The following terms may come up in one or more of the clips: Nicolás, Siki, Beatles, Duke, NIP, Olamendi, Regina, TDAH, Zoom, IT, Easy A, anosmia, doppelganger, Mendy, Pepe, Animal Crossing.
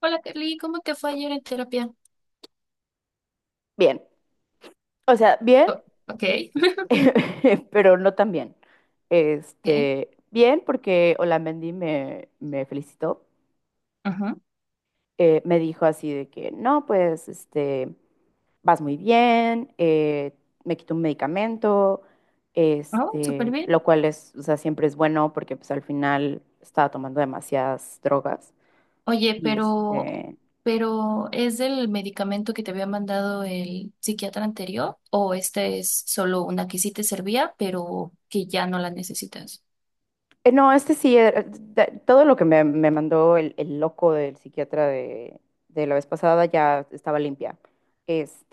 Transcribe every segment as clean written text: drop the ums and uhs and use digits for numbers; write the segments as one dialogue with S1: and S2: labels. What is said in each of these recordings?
S1: Hola, Carly, ¿cómo te fue ayer en terapia?
S2: Bien, o sea, bien,
S1: Oh, ok,
S2: pero no tan bien.
S1: ok,
S2: Bien, porque Olamendi me felicitó.
S1: ajá.
S2: Me dijo así de que, no, pues, vas muy bien, me quitó un medicamento,
S1: Oh, súper bien.
S2: lo cual es, o sea, siempre es bueno porque pues al final estaba tomando demasiadas drogas
S1: Oye,
S2: y este,
S1: pero ¿es del medicamento que te había mandado el psiquiatra anterior o esta es solo una que sí te servía, pero que ya no la necesitas?
S2: No, este sí, todo lo que me mandó el loco del psiquiatra de la vez pasada ya estaba limpia.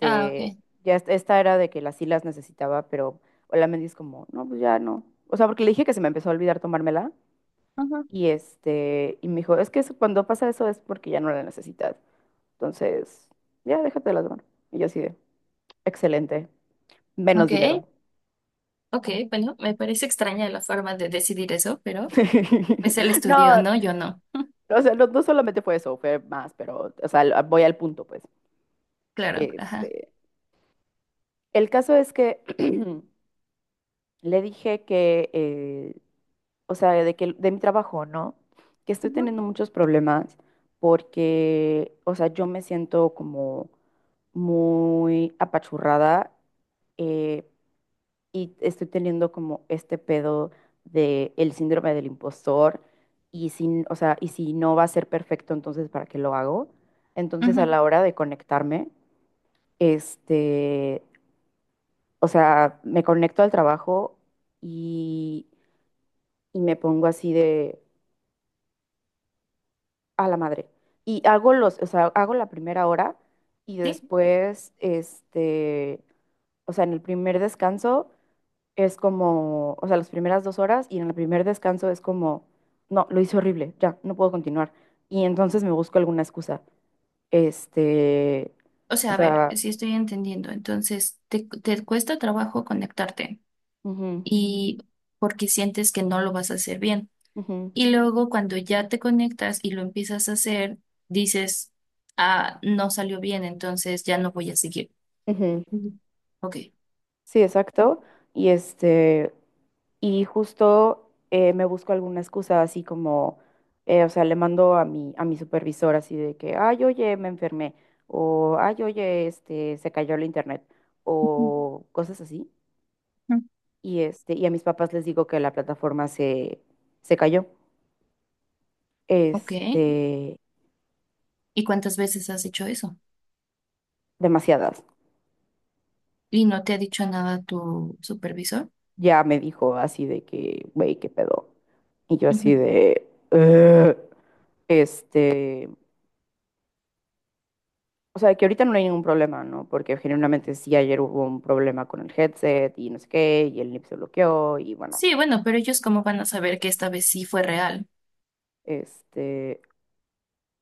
S1: Ah, ok,
S2: Esta era de que las sí las necesitaba, pero la me dice como, no, pues ya no. O sea, porque le dije que se me empezó a olvidar tomármela
S1: ajá.
S2: y me dijo, es que cuando pasa eso es porque ya no la necesitas. Entonces, ya déjate de las tomar. Y yo así de, excelente, menos
S1: Ok,
S2: dinero.
S1: ok, bueno, me parece extraña la forma de decidir eso, pero es el estudio,
S2: No,
S1: ¿no? Yo no.
S2: o sea, no, no solamente fue eso, fue más, pero, o sea, voy al punto, pues.
S1: Claro, ajá.
S2: Este, el caso es que le dije que, o sea, de que de mi trabajo, ¿no? Que estoy
S1: Ujú,
S2: teniendo muchos problemas porque, o sea, yo me siento como muy apachurrada, eh, y estoy teniendo como este pedo de el síndrome del impostor y si, o sea, y si no va a ser perfecto, entonces ¿para qué lo hago? Entonces a
S1: ujú.
S2: la hora de conectarme, este, o sea, me conecto al trabajo y, y me pongo así de a la madre. Y hago o sea, hago la primera hora y
S1: Sí.
S2: después, o sea, en el primer descanso es como, o sea, las primeras 2 horas y en el primer descanso es como, no, lo hice horrible, ya, no puedo continuar. Y entonces me busco alguna excusa. Este,
S1: O
S2: o
S1: sea, a ver,
S2: sea,
S1: si estoy entendiendo, entonces te cuesta trabajo conectarte
S2: ujú,
S1: y porque sientes que no lo vas a hacer bien.
S2: ujú,
S1: Y luego cuando ya te conectas y lo empiezas a hacer, dices, ah, no salió bien, entonces ya no voy a seguir.
S2: ujú.
S1: Ujú. Ok,
S2: Sí, exacto. Y este, y justo me busco alguna excusa así como, o sea, le mando a mi supervisor así de que, ay, oye, me enfermé, o ay, oye, se cayó el internet, o cosas así.
S1: ujú,
S2: Y a mis papás les digo que la plataforma se cayó.
S1: ok.
S2: Este,
S1: ¿Y cuántas veces has hecho eso?
S2: demasiadas.
S1: ¿Y no te ha dicho nada tu supervisor?
S2: Ya me dijo así de que, güey, qué pedo. Y yo así
S1: Ujú.
S2: de, "Ugh". este, o sea, que ahorita no hay ningún problema, ¿no? Porque generalmente sí, ayer hubo un problema con el headset y no sé qué, y el NIP se bloqueó y bueno,
S1: Sí, bueno, pero ellos cómo van a saber que
S2: cosas.
S1: esta vez sí fue real.
S2: Este,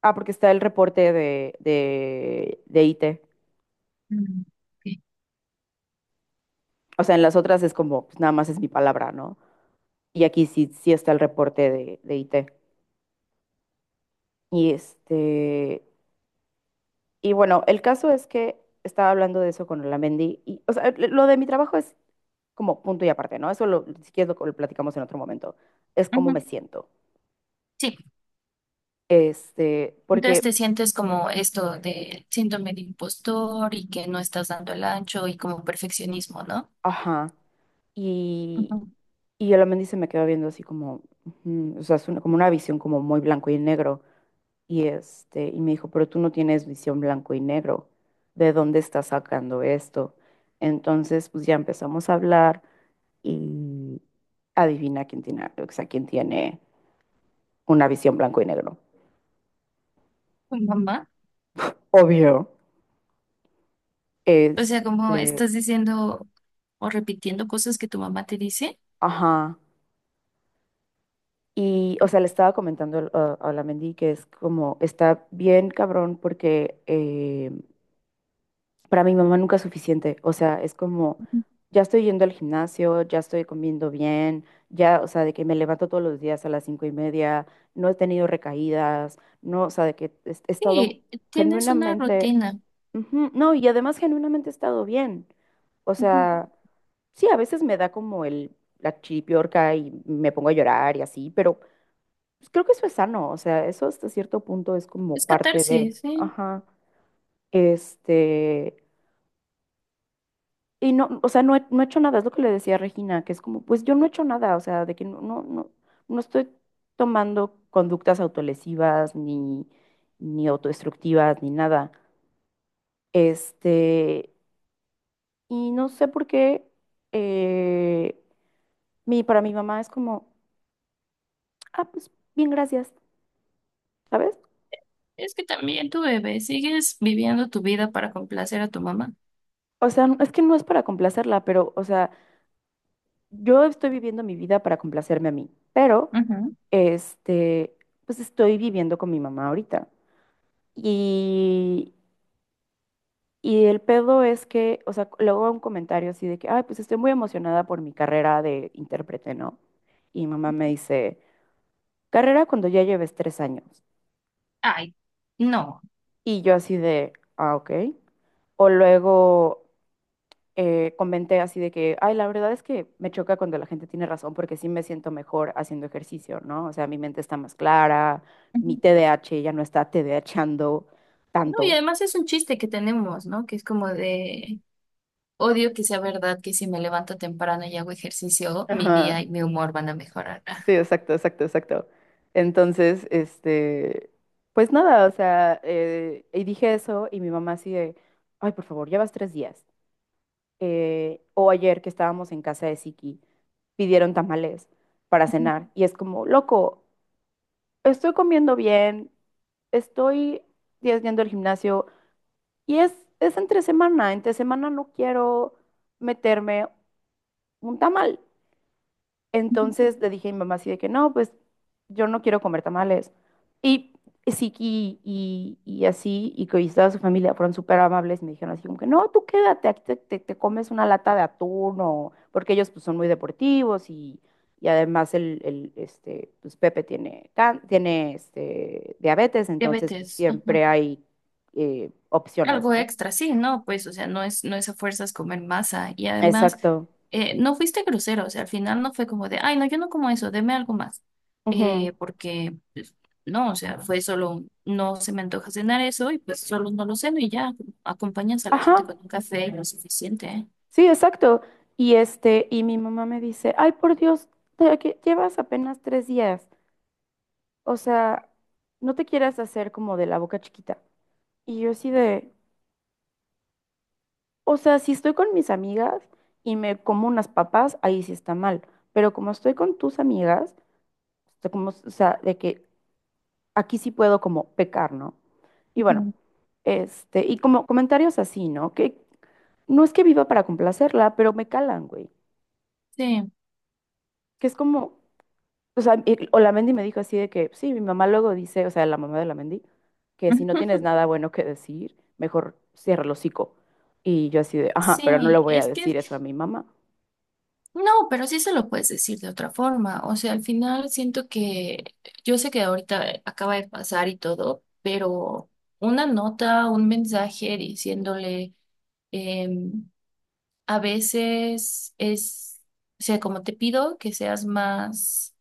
S2: ah, porque está el reporte de IT.
S1: Mm, ok.
S2: O sea, en las otras es como, pues nada más es mi palabra, ¿no? Y aquí sí, sí está el reporte de IT. Y este, y bueno, el caso es que estaba hablando de eso con Olamendi. Y, o sea, lo de mi trabajo es como punto y aparte, ¿no? Eso lo, si quieres lo platicamos en otro momento. Es cómo
S1: Ujú.
S2: me siento.
S1: Sí,
S2: Este,
S1: entonces
S2: porque,
S1: te sientes como esto de síndrome de impostor y que no estás dando el ancho y como perfeccionismo, ¿no?
S2: ajá. Y,
S1: Ujú.
S2: y Olamendi se me quedó viendo así como, ujú, o sea, es como una visión como muy blanco y negro. Y, y me dijo, pero tú no tienes visión blanco y negro, ¿de dónde estás sacando esto? Entonces, pues ya empezamos a hablar y adivina quién tiene, o sea, quién tiene una visión blanco y negro.
S1: Tu mamá.
S2: Obvio.
S1: O sea, como
S2: Este,
S1: estás diciendo o repitiendo cosas que tu mamá te dice.
S2: ajá. Y, o sea, le estaba comentando a la Mendy que es como, está bien cabrón porque para mi mamá nunca es suficiente, o sea, es como,
S1: Ujú.
S2: ya estoy yendo al gimnasio, ya estoy comiendo bien, ya, o sea, de que me levanto todos los días a las 5:30, no he tenido recaídas, no, o sea, de que he estado
S1: Sí, tienes una
S2: genuinamente,
S1: rutina.
S2: ujú, no, y además genuinamente he estado bien, o
S1: Ujú.
S2: sea, sí, a veces me da como la chiripiorca y me pongo a llorar y así, pero pues, creo que eso es sano, o sea, eso hasta cierto punto es como
S1: Es
S2: parte de,
S1: catarsis, sí.
S2: ajá. Este, Y no, o sea, no he hecho nada, es lo que le decía a Regina, que es como, pues yo no he hecho nada, o sea, de que no, no, no, no estoy tomando conductas autolesivas, ni, ni autodestructivas, ni nada. Este, y no sé por qué, eh, para mi mamá es como, ah, pues bien, gracias, ¿sabes?
S1: Es que también tu bebé, sigues viviendo tu vida para complacer a tu mamá.
S2: O sea, es que no es para complacerla, pero, o sea, yo estoy viviendo mi vida para complacerme a mí, pero,
S1: Ujú.
S2: este, pues estoy viviendo con mi mamá ahorita. Y, y el pedo es que, o sea, luego un comentario así de que, ay, pues estoy muy emocionada por mi carrera de intérprete, ¿no? Y mi mamá me dice, carrera cuando ya lleves 3 años.
S1: Ay, no.
S2: Y yo así de, ah, ok. O luego comenté así de que, ay, la verdad es que me choca cuando la gente tiene razón porque sí me siento mejor haciendo ejercicio, ¿no? O sea, mi mente está más clara,
S1: Ujú.
S2: mi TDAH ya no está TDAHando
S1: No, y
S2: tanto.
S1: además es un chiste que tenemos, ¿no? Que es como de odio que sea verdad que si me levanto temprano y hago ejercicio, mi
S2: Ajá.
S1: día y mi humor van a mejorar. Ah,
S2: Sí, exacto, exacto, exacto. Entonces, pues nada, o sea, y dije eso y mi mamá así de, ay, por favor, llevas 3 días. O ayer que estábamos en casa de Siki, pidieron tamales para cenar y es como, loco, estoy comiendo bien, estoy días yendo al gimnasio y es entre semana no quiero meterme un tamal. Entonces le dije a mi mamá así de que no, pues yo no quiero comer tamales. Y sí, y así, y que toda su familia fueron súper amables, me dijeron así como que no, tú quédate, aquí te comes una lata de atún, o, porque ellos pues son muy deportivos y además el, este, pues Pepe tiene diabetes, entonces pues
S1: diabetes, ajá.
S2: siempre hay opciones,
S1: Algo
S2: ¿no?
S1: extra, sí, no, pues, o sea, no es a fuerzas comer masa. Y además,
S2: Exacto.
S1: no fuiste grosero, o sea, al final no fue como de, ay, no, yo no como eso, deme algo más.
S2: Ujú.
S1: Porque, pues, no, o sea, fue solo, un, no se me antoja cenar eso y pues solo no lo ceno y ya, acompañas a la gente
S2: Ajá.
S1: con un café y lo suficiente, ¿eh?
S2: Sí, exacto. Y mi mamá me dice, ay, por Dios, que llevas apenas 3 días. O sea, no te quieras hacer como de la boca chiquita. Y yo así de, o sea, si estoy con mis amigas y me como unas papas, ahí sí está mal. Pero como estoy con tus amigas, o sea, como, o sea, de que aquí sí puedo como pecar, ¿no? Y bueno,
S1: Ujú.
S2: y como comentarios así, ¿no? Que no es que viva para complacerla, pero me calan, güey.
S1: Sí.
S2: Que es como, o sea, y Olamendi me dijo así de que, sí, mi mamá luego dice, o sea, la mamá de Olamendi, que si no tienes nada bueno que decir, mejor cierra el hocico. Y yo así de, ajá, pero no le
S1: Sí,
S2: voy a
S1: es que
S2: decir eso a mi mamá.
S1: no, pero sí se lo puedes decir de otra forma. O sea, al final siento que yo sé que ahorita acaba de pasar y todo, pero una nota, un mensaje diciéndole, em, a veces es, o sea, como te pido que seas más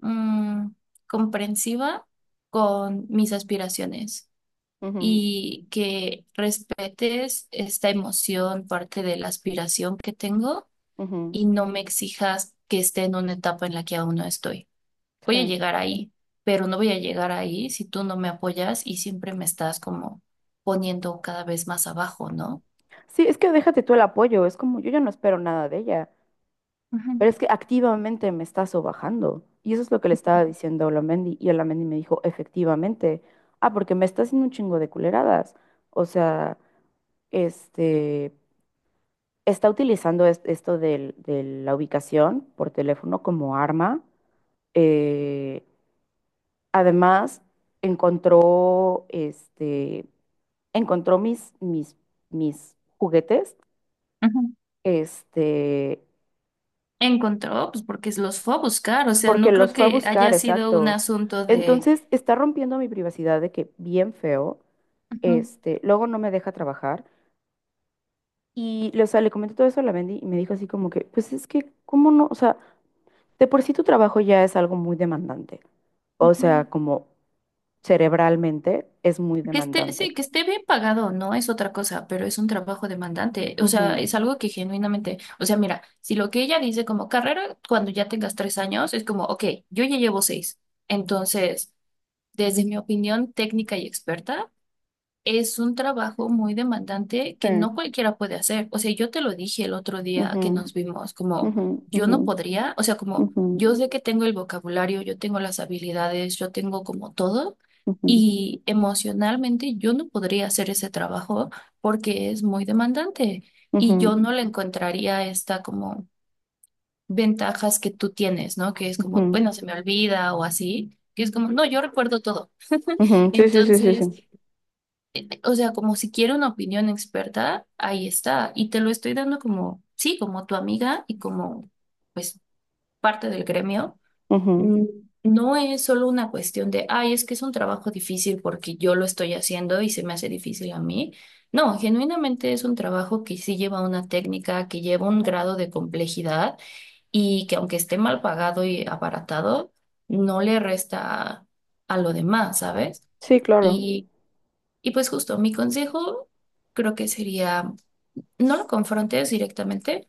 S1: mm, comprensiva con mis aspiraciones
S2: Ujú,
S1: y que respetes esta emoción, parte de la aspiración que tengo
S2: ujú,
S1: y no me exijas que esté en una etapa en la que aún no estoy. Voy a
S2: sí.
S1: llegar ahí, pero no voy a llegar ahí si tú no me apoyas y siempre me estás como poniendo cada vez más abajo, ¿no?
S2: Sí, es que déjate tú el apoyo, es como yo ya no espero nada de ella,
S1: Ujú,
S2: pero es que activamente me está sobajando. Y eso es lo que le estaba diciendo a Olamendi. Y Olamendi me dijo, efectivamente, ah, porque me está haciendo un chingo de culeradas. O sea, este, está utilizando esto de la ubicación por teléfono como arma. Eh, además, encontró, encontró mis juguetes,
S1: ujú.
S2: este,
S1: Encontró, pues porque los fue a buscar, o sea,
S2: porque
S1: no creo
S2: los fue a
S1: que haya
S2: buscar,
S1: sido un
S2: exacto.
S1: asunto de...
S2: Entonces, está rompiendo mi privacidad de que bien feo,
S1: Ujú,
S2: luego no me deja trabajar. Y, o sea, le comenté todo eso a la Mendy y me dijo así como que, pues es que, ¿cómo no? O sea, de por sí tu trabajo ya es algo muy demandante. O
S1: ujú.
S2: sea, como cerebralmente es muy
S1: Que esté,
S2: demandante.
S1: sí, que esté bien pagado, no es otra cosa, pero es un trabajo demandante. O sea,
S2: Ujú.
S1: es algo que genuinamente, o sea, mira, si lo que ella dice como carrera, cuando ya tengas 3 años, es como, ok, yo ya llevo 6. Entonces, desde mi opinión técnica y experta, es un trabajo muy demandante que
S2: Sí.
S1: no cualquiera puede hacer. O sea, yo te lo dije el otro día que
S2: Ujú,
S1: nos vimos, como
S2: ujú,
S1: yo
S2: ujú,
S1: no podría, o sea, como
S2: ujú,
S1: yo sé que tengo el vocabulario, yo tengo las habilidades, yo tengo como todo,
S2: ujú,
S1: y emocionalmente yo no podría hacer ese trabajo porque es muy demandante y yo
S2: ujú,
S1: no le encontraría esta como ventajas que tú tienes, ¿no? Que es como,
S2: ujú,
S1: bueno, se me olvida o así, que es como, no, yo recuerdo todo.
S2: ujú. Sí, sí, sí, sí, sí.
S1: Entonces... o sea, como si quiero una opinión experta, ahí está. Y te lo estoy dando como, sí, como tu amiga y como, pues, parte del gremio.
S2: Ujú.
S1: Mm, No es solo una cuestión de, ay, es que es un trabajo difícil porque yo lo estoy haciendo y se me hace difícil a mí. No, genuinamente es un trabajo que sí lleva una técnica, que lleva un grado de complejidad y que aunque esté mal pagado y abaratado, no le resta a lo demás, ¿sabes?
S2: Sí, claro.
S1: Y y pues justo, mi consejo creo que sería, no lo confrontes directamente,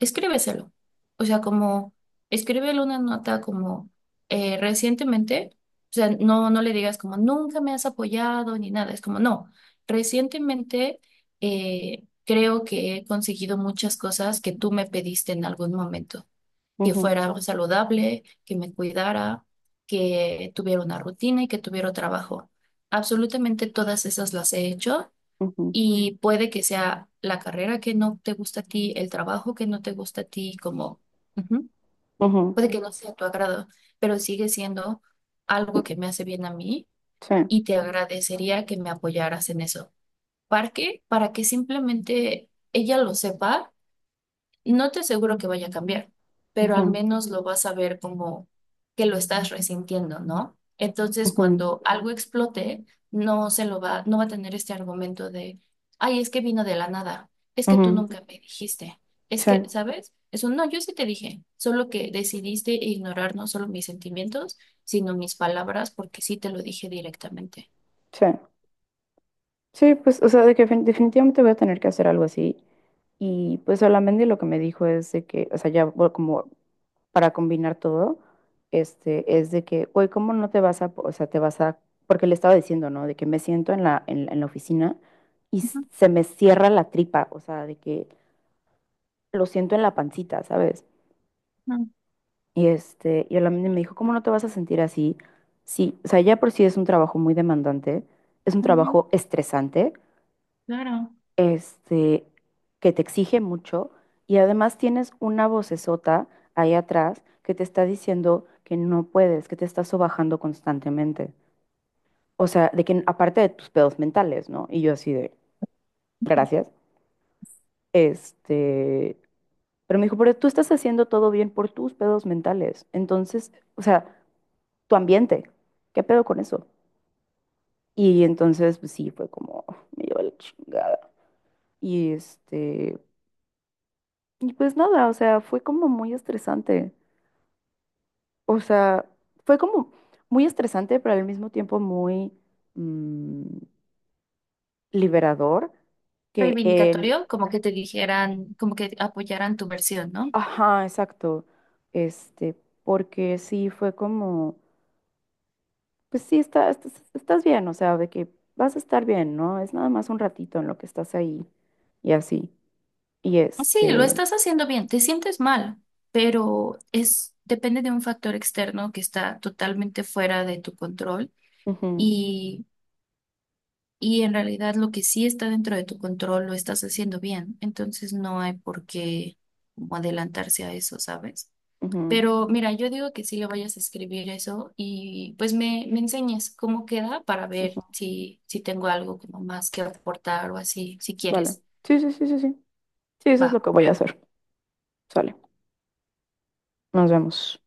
S1: escríbeselo. O sea, como, escríbele una nota como recientemente, o sea, no, no le digas como, nunca me has apoyado ni nada, es como, no, recientemente creo que he conseguido muchas cosas que tú me pediste en algún momento que
S2: Ujú,
S1: fuera saludable, que me cuidara, que tuviera una rutina y que tuviera trabajo. Absolutamente todas esas las he hecho
S2: ujú,
S1: y puede que sea la carrera que no te gusta a ti, el trabajo que no te gusta a ti, como ujú,
S2: ujú.
S1: puede que no sea a tu agrado, pero sigue siendo algo que me hace bien a mí
S2: Sí.
S1: y te agradecería que me apoyaras en eso. ¿Para qué? Para que simplemente ella lo sepa y no te aseguro que vaya a cambiar, pero al
S2: Ujú,
S1: menos lo vas a ver como que lo estás resintiendo, ¿no? Entonces,
S2: ujú,
S1: cuando algo explote, no se lo va, no va a tener este argumento de, ay, es que vino de la nada, es que tú
S2: ujú.
S1: nunca me dijiste, es
S2: Sí,
S1: que, ¿sabes? Eso no, yo sí te dije, solo que decidiste ignorar no solo mis sentimientos, sino mis palabras, porque sí te lo dije directamente.
S2: sí. Sí, pues, o sea, de que definitivamente voy a tener que hacer algo así. Y pues solamente lo que me dijo es de que, o sea, ya voy como para combinar todo, es de que, güey, ¿cómo no te vas a, o sea, te vas a, porque le estaba diciendo, ¿no? De que me siento en la oficina y se me cierra la tripa, o sea, de que lo siento en la pancita, ¿sabes?
S1: Ujú,
S2: Y solamente me dijo, ¿cómo no te vas a sentir así? Sí, o sea, ya por sí es un trabajo muy demandante, es un
S1: ujú,
S2: trabajo estresante,
S1: claro.
S2: este, que te exige mucho y además tienes una vocesota ahí atrás que te está diciendo que no puedes, que te estás sobajando constantemente. O sea, de que aparte de tus pedos mentales, ¿no? Y yo así de, gracias. Este, pero me dijo, pero tú estás haciendo todo bien por tus pedos mentales. Entonces, o sea, tu ambiente, ¿qué pedo con eso? Y entonces, pues sí, fue como, me llevó la chingada. Y este, y pues nada, o sea, fue como muy estresante. O sea, fue como muy estresante, pero al mismo tiempo muy mm, liberador que él,
S1: Reivindicatorio, como que te dijeran, como que apoyaran tu versión, ¿no?
S2: ajá, exacto, este, porque sí fue como, pues sí, estás bien, o sea, de que vas a estar bien, ¿no? Es nada más un ratito en lo que estás ahí y así. Y
S1: Sí, lo
S2: este,
S1: estás haciendo bien, te sientes mal, pero es depende de un factor externo que está totalmente fuera de tu control
S2: ujú,
S1: y, y en realidad lo que sí está dentro de tu control lo estás haciendo bien, entonces no hay por qué como adelantarse a eso, ¿sabes?
S2: ujú,
S1: Pero mira, yo digo que sí le vayas a escribir eso y pues me enseñes cómo queda para ver
S2: ujú,
S1: si, si tengo algo como más que aportar o así, si
S2: vale.
S1: quieres.
S2: Sí, sí, sí, sí, sí. Sí, eso
S1: Va.
S2: es lo que voy a hacer. Sale, nos vemos.